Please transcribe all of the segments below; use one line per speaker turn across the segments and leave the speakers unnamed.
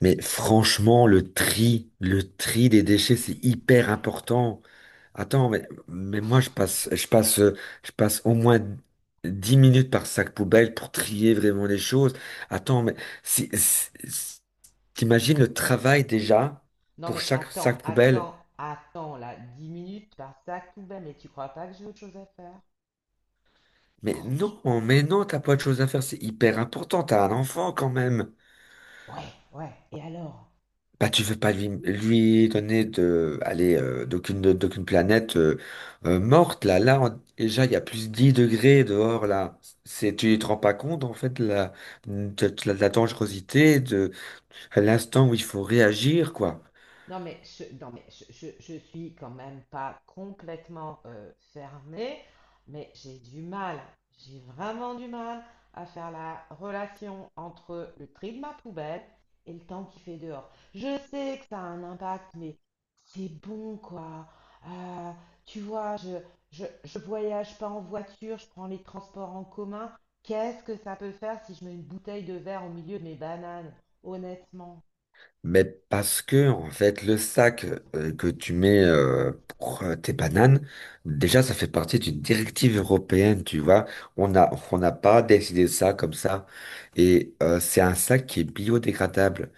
Mais franchement, le tri des déchets, c'est hyper important. Attends, mais moi, je passe, je passe au moins 10 minutes par sac poubelle pour trier vraiment les choses. Attends, mais si, t'imagines
Non mais,
le travail
non mais,
déjà
non
pour
mais
chaque
attends,
sac poubelle?
attends, attends là, 10 minutes par ça sac poubelle, mais tu crois pas que j'ai autre chose à faire? Franchement.
Mais non, t'as pas de choses à faire, c'est hyper important, t'as un enfant quand même.
Ouais, ouais, et alors?
Bah, tu veux pas lui donner de, d'aucune planète morte là. Là, déjà, il y a plus 10 degrés dehors là. C'est, tu te rends pas compte en fait de la dangerosité de à l'instant où il faut réagir quoi.
Non, mais je, non, mais je suis quand même pas complètement fermée, mais j'ai du mal, j'ai vraiment du mal à faire la relation entre le tri de ma poubelle et le temps qu'il fait dehors. Je sais que ça a un impact, mais c'est bon, quoi. Euh, Tu vois, je voyage pas en voiture, je prends les transports en commun. Qu'est-ce que ça peut faire si je mets une bouteille de verre au milieu de mes bananes, honnêtement?
Mais parce que, en fait, le sac que tu mets pour tes bananes, déjà, ça fait partie d'une directive européenne, tu vois. On n'a pas décidé ça comme ça. Et c'est un sac qui est biodégradable.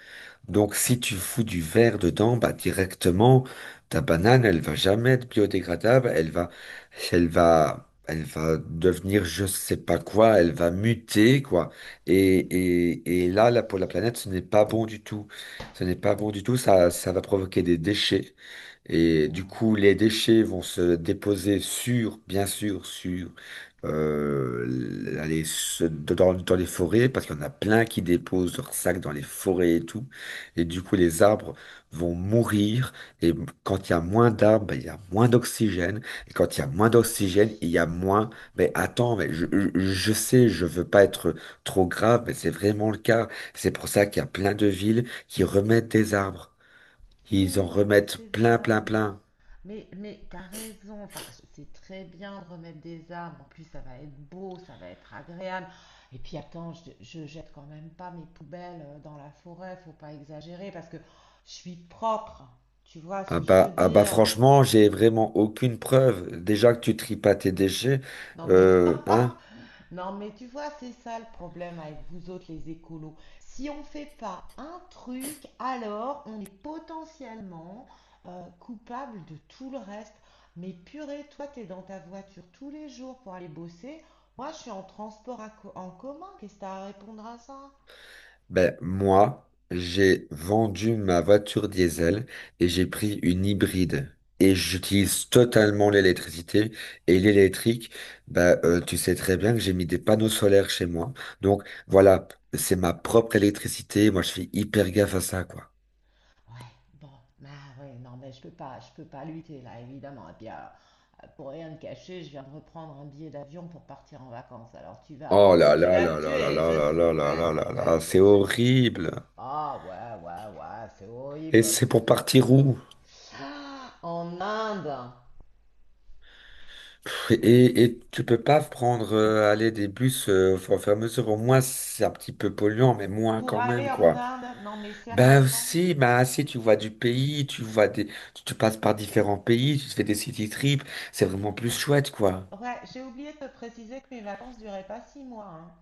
Donc, si tu fous du verre dedans, bah, directement, ta banane, elle va jamais être biodégradable, elle va devenir je sais pas quoi, elle va muter, quoi. Et, et là, pour la planète, ce n'est pas bon du tout. Ce n'est pas bon du tout, ça va provoquer des déchets. Et du coup,
Ouais.
les déchets vont se déposer sur, bien sûr, sur euh, dans les forêts, parce qu'il y en a plein qui déposent leurs sacs dans les forêts et tout. Et du coup, les arbres vont mourir. Et quand il y a moins d'arbres, ben, il y a moins d'oxygène. Et quand il y a moins d'oxygène, il y a moins. Mais attends, mais je sais, je veux pas être trop grave, mais c'est vraiment le cas. C'est pour ça qu'il y a plein de villes qui remettent des arbres. Ils en
Oui, non mais
remettent
c'est
plein,
vrai,
plein,
mais
plein.
mais t'as raison. Enfin, c'est très bien de remettre des arbres. En plus, ça va être beau, ça va être agréable. Et puis attends, je jette quand même pas mes poubelles dans la forêt. Faut pas exagérer parce que je suis propre. Tu vois ce que je veux
Ah bah
dire?
franchement, j'ai vraiment aucune preuve. Déjà que tu tries pas tes déchets,
Non mais
hein,
non, mais tu vois, c'est ça le problème avec vous autres les écolos. Si on ne fait pas un truc, alors on est potentiellement coupable de tout le reste. Mais purée, toi, t'es dans ta voiture tous les jours pour aller bosser. Moi, je suis en transport en commun. Qu'est-ce que t'as à répondre à ça?
ben moi, j'ai vendu ma voiture diesel et j'ai pris une hybride. Et j'utilise totalement l'électricité. Et l'électrique, tu sais très bien que j'ai mis des panneaux solaires chez moi. Donc voilà, c'est ma propre électricité. Moi, je fais hyper gaffe à ça, quoi.
Ouais, bon, bah ouais, non, mais je peux pas lutter là, évidemment. Et puis alors, pour rien te cacher, je viens de reprendre un billet d'avion pour partir en vacances. Alors
Oh là
tu
là
vas me
là là là
tuer,
là là là là là là là, c'est
je sais.
horrible.
Ah ouais, ouais, ouais, c'est
Et
horrible.
c'est pour partir où?
Ah, en Inde.
Et tu peux pas prendre aller des bus au fur et à mesure, au moins c'est un petit peu polluant, mais moins
Pour
quand
aller
même,
en
quoi.
Inde, non mais
Ben
sérieusement.
aussi, ben si tu vois du pays, tu vois des. Tu passes par différents pays, tu te fais des city trips, c'est vraiment plus chouette, quoi.
Ouais, j'ai oublié de te préciser que mes vacances duraient pas 6 mois, hein.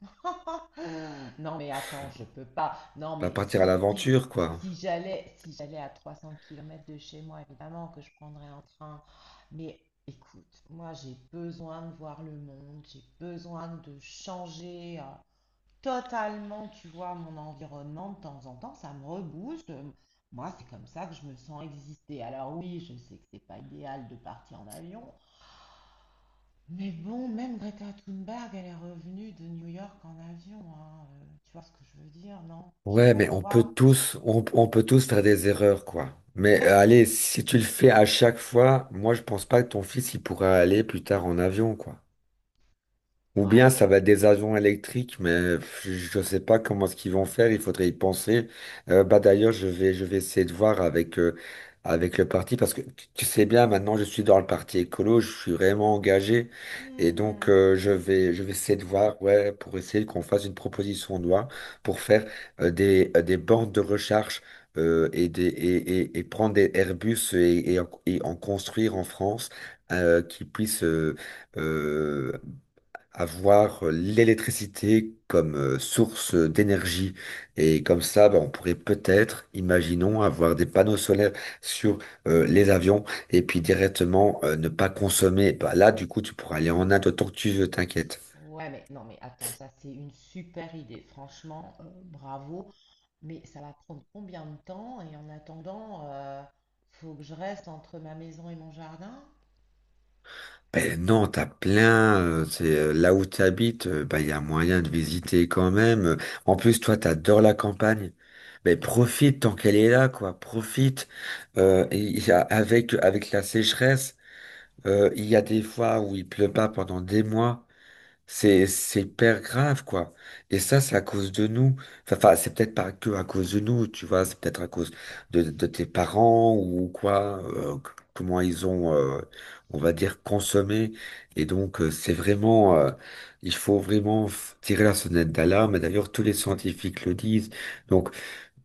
Euh, Non, mais attends, je peux pas. Non,
Ben,
mais
partir à
si,
l'aventure, quoi.
si j'allais à 300 km de chez moi, évidemment que je prendrais un train. Mais écoute, moi, j'ai besoin de voir le monde, j'ai besoin de changer totalement, tu vois, mon environnement de temps en temps. Ça me rebooste. Moi, c'est comme ça que je me sens exister. Alors oui, je sais que c'est pas idéal de partir en avion, mais bon, même Greta Thunberg, elle est revenue de New York en avion, hein, tu vois ce que je veux dire, non? J'ai
Ouais,
pas
mais
le
on peut
droit.
tous, on peut tous faire des erreurs, quoi. Mais allez, si tu le fais à chaque fois, moi je pense pas que ton fils il pourra aller plus tard en avion, quoi. Ou
Ouais.
bien ça va être des avions électriques, mais pff, je ne sais pas comment ce qu'ils vont faire, il faudrait y penser. Bah d'ailleurs, je vais essayer de voir avec, avec le parti, parce que tu sais bien, maintenant je suis dans le parti écolo, je suis vraiment engagé, et donc
Mhm.
je vais essayer de voir, ouais, pour essayer qu'on fasse une proposition de loi pour faire des bandes de recharge et prendre des Airbus et en construire en France qui puissent... euh, avoir l'électricité comme source d'énergie. Et comme ça, bah, on pourrait peut-être, imaginons, avoir des panneaux solaires sur les avions et puis directement ne pas consommer. Bah, là, du coup, tu pourras aller en Inde autant que tu veux, t'inquiète.
Ouais, mais non, mais attends, ça c'est une super idée. Franchement, bravo. Mais ça va prendre combien de temps? Et en attendant, faut que je reste entre ma maison et mon jardin?
Ben non, t'as plein. C'est là où tu habites, ben il y a moyen de visiter quand même. En plus, toi, t'adores la campagne. Mais
Hmm,
profite tant qu'elle est là, quoi. Profite.
ouais.
Avec avec la sécheresse. Il y a des fois où il pleut pas pendant des mois. C'est hyper grave, quoi. Et ça, c'est à cause de nous. Enfin, c'est peut-être pas que à cause de nous, tu vois. C'est peut-être à cause de tes parents ou quoi. Comment ils ont, on va dire, consommé. Et donc, c'est vraiment, il faut vraiment tirer la sonnette d'alarme. Et d'ailleurs, tous les scientifiques le disent. Donc,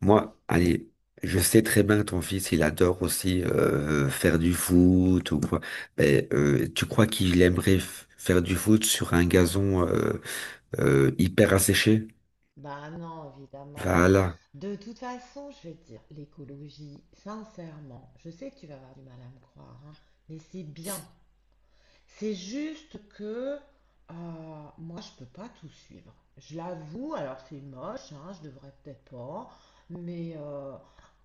moi, allez, je sais très bien que ton fils, il adore aussi faire du foot ou quoi. Mais tu crois qu'il aimerait faire du foot sur un gazon hyper asséché?
Bah non, évidemment. Non, mais
Voilà.
de toute façon, je vais te dire, l'écologie, sincèrement, je sais que tu vas avoir du mal à me croire, hein, mais c'est bien. C'est juste que euh, moi, je peux pas tout suivre. Je l'avoue, alors c'est moche, hein, je devrais peut-être pas, mais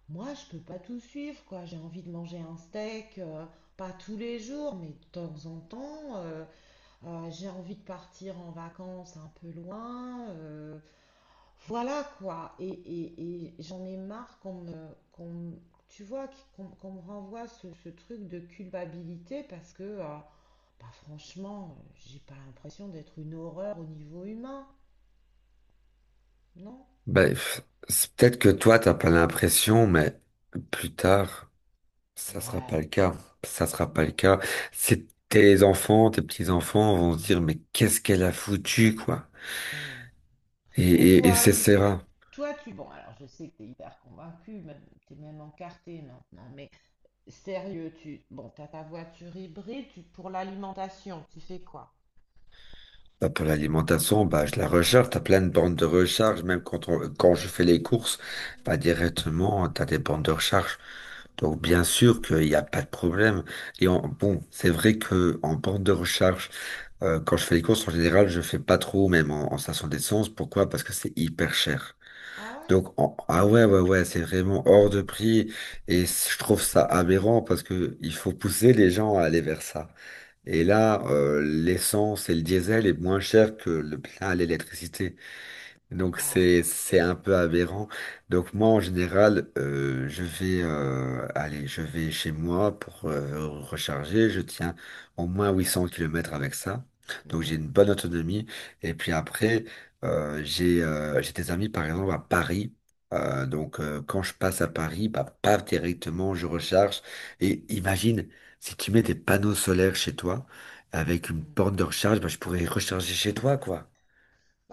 moi, je peux pas tout suivre, quoi. J'ai envie de manger un steak, pas tous les jours, mais de temps en temps. Euh, j'ai envie de partir en vacances un peu loin. Euh, voilà quoi, et, et j'en ai marre tu vois, qu'on me renvoie ce truc de culpabilité parce que, bah franchement, j'ai pas l'impression d'être une horreur au niveau humain, non?
Ben, c'est peut-être que toi, t'as pas l'impression, mais plus tard, ça sera pas
Ouais,
le cas. Ça sera pas le
bon.
cas. C'est tes enfants, tes petits-enfants vont se dire, mais qu'est-ce qu'elle a foutu, quoi?
Hmm.
Et,
Et
et
toi,
c'est
tu fais,
ça.
toi tu, bon alors je sais que t'es hyper convaincu, même, t'es même encarté maintenant, mais sérieux, tu, bon t'as ta voiture hybride, tu, pour l'alimentation, tu fais quoi?
Bah, pour l'alimentation, bah, je la recharge. T'as plein de bandes de recharge. Même quand quand je fais les courses, bah, directement, t'as des bandes de recharge. Donc,
Ouais.
bien sûr qu'il n'y a pas de problème. Et en, bon, c'est vrai que en bande de recharge, quand je fais les courses, en général, je fais pas trop, même en station d'essence. Pourquoi? Parce que c'est hyper cher.
Ah ouais?
Ah ouais, ouais, ouais, c'est vraiment hors de prix. Et je trouve ça aberrant parce que il faut pousser les gens à aller vers ça. Et là, l'essence et le diesel est moins cher que le plein à l'électricité. Donc
Ouais.
c'est un peu aberrant. Donc moi en général, je vais chez moi pour recharger. Je tiens au moins 800 kilomètres avec ça. Donc
Hmm.
j'ai une bonne autonomie. Et puis après, j'ai des amis par exemple à Paris. Donc quand je passe à Paris, bah paf directement je recharge. Et imagine si tu mets des panneaux solaires chez toi avec une
Hmm.
borne de recharge, bah, je pourrais recharger chez toi quoi.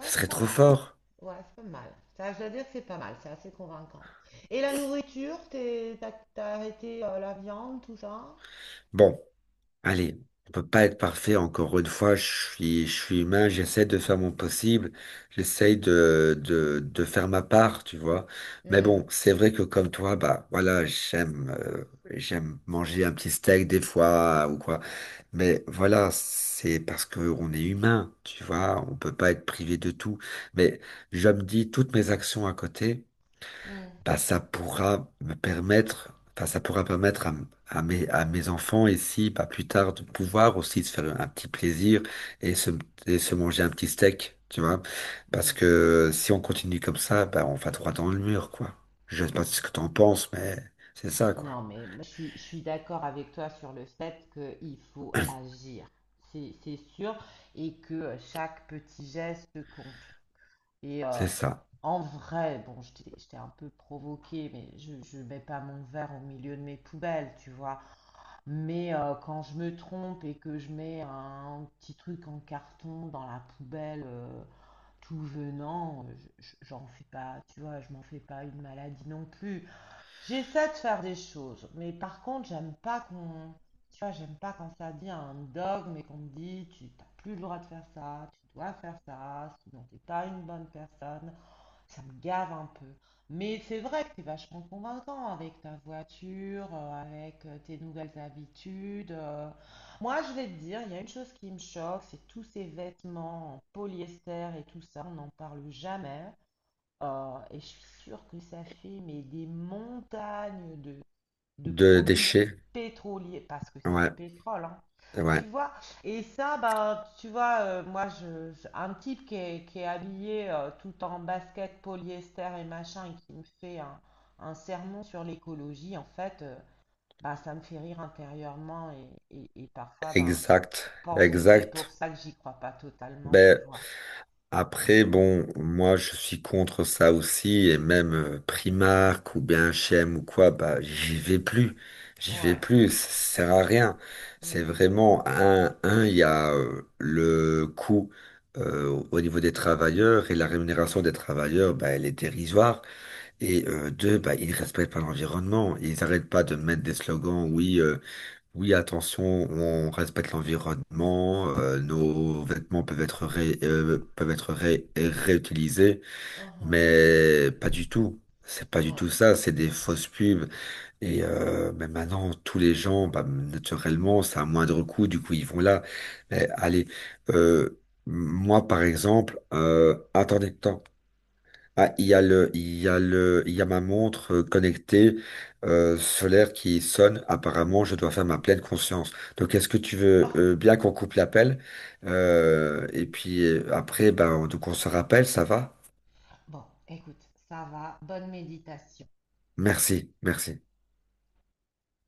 Ce
c'est
serait
pas
trop
mal.
fort.
Ouais, c'est pas mal. Ça, je dois dire que c'est pas mal, c'est assez convaincant. Et la nourriture, t'as arrêté la viande, tout ça?
Bon. Allez, on peut pas être parfait encore une fois. Je suis humain, j'essaie de faire mon possible, j'essaie de, faire ma part, tu vois. Mais
Hmm.
bon, c'est vrai que comme toi, bah voilà, j'aime manger un petit steak des fois ou quoi. Mais voilà, c'est parce que on est humain, tu vois. On peut pas être privé de tout. Mais je me dis toutes mes actions à côté
Hmm.
bah, ça pourra permettre à, à mes enfants ici, bah, plus tard, de pouvoir aussi se faire un petit plaisir et se, et se manger un petit steak, tu vois. Parce
Hmm,
que si on continue comme ça, bah, on va droit dans le mur, quoi. Je sais pas
ouais.
ce que t'en penses, mais c'est ça, quoi.
Non, mais moi, je suis d'accord avec toi sur le fait qu'il faut agir, c'est sûr, et que chaque petit geste compte. Et
C'est ça.
en vrai, bon, je t'ai un peu provoqué, mais je ne mets pas mon verre au milieu de mes poubelles, tu vois. Mais quand je me trompe et que je mets un petit truc en carton dans la poubelle tout venant, j'en fais pas, tu vois, je m'en fais pas une maladie non plus. J'essaie de faire des choses, mais par contre, j'aime pas qu'on, tu vois, j'aime pas quand ça devient un dogme et qu'on me dit, tu n'as plus le droit de faire ça, tu dois faire ça, sinon t'es pas une bonne personne. Ça me gave un peu. Mais c'est vrai que t'es vachement convaincant avec ta voiture, avec tes nouvelles habitudes. Euh. Moi, je vais te dire, il y a une chose qui me choque, c'est tous ces vêtements en polyester et tout ça, on n'en parle jamais. Et je suis sûre que ça fait mais des montagnes de
De
produits
déchets.
pétroliers, parce que c'est du
Ouais,
pétrole, hein,
ouais,
tu vois. Et ça, bah, tu vois, moi, un type qui est habillé tout en basket, polyester et machin, et qui me fait un sermon sur l'écologie, en fait, bah, ça me fait rire intérieurement, et, et parfois, ben, je
exact,
pense que c'est pour
exact.
ça que j'y crois pas totalement, tu
Ben,
vois.
après, bon, moi je suis contre ça aussi, et même Primark ou bien H&M ou quoi, bah j'y vais
Ouais.
plus, ça sert à rien. C'est
Mm.
vraiment il y a le coût au niveau des travailleurs et la rémunération des travailleurs, bah elle est dérisoire. Et deux, bah ils respectent pas l'environnement, ils arrêtent pas de mettre des slogans, oui. Oui, attention, on respecte l'environnement, nos vêtements peuvent être réutilisés,
Mhm.
mais pas du tout. C'est pas du
Ouais.
tout ça, c'est des fausses pubs. Et mais maintenant, tous les gens, bah, naturellement, c'est à moindre coût, du coup, ils vont là. Mais allez, euh, moi, par exemple, attends. Ah, il y a ma montre connectée solaire qui sonne. Apparemment, je dois faire ma pleine conscience. Donc, est-ce que tu veux
Ah,
bien qu'on coupe l'appel? Et puis après, ben, donc on se rappelle, ça va?
bon, écoute, ça va, bonne méditation.
Merci, merci.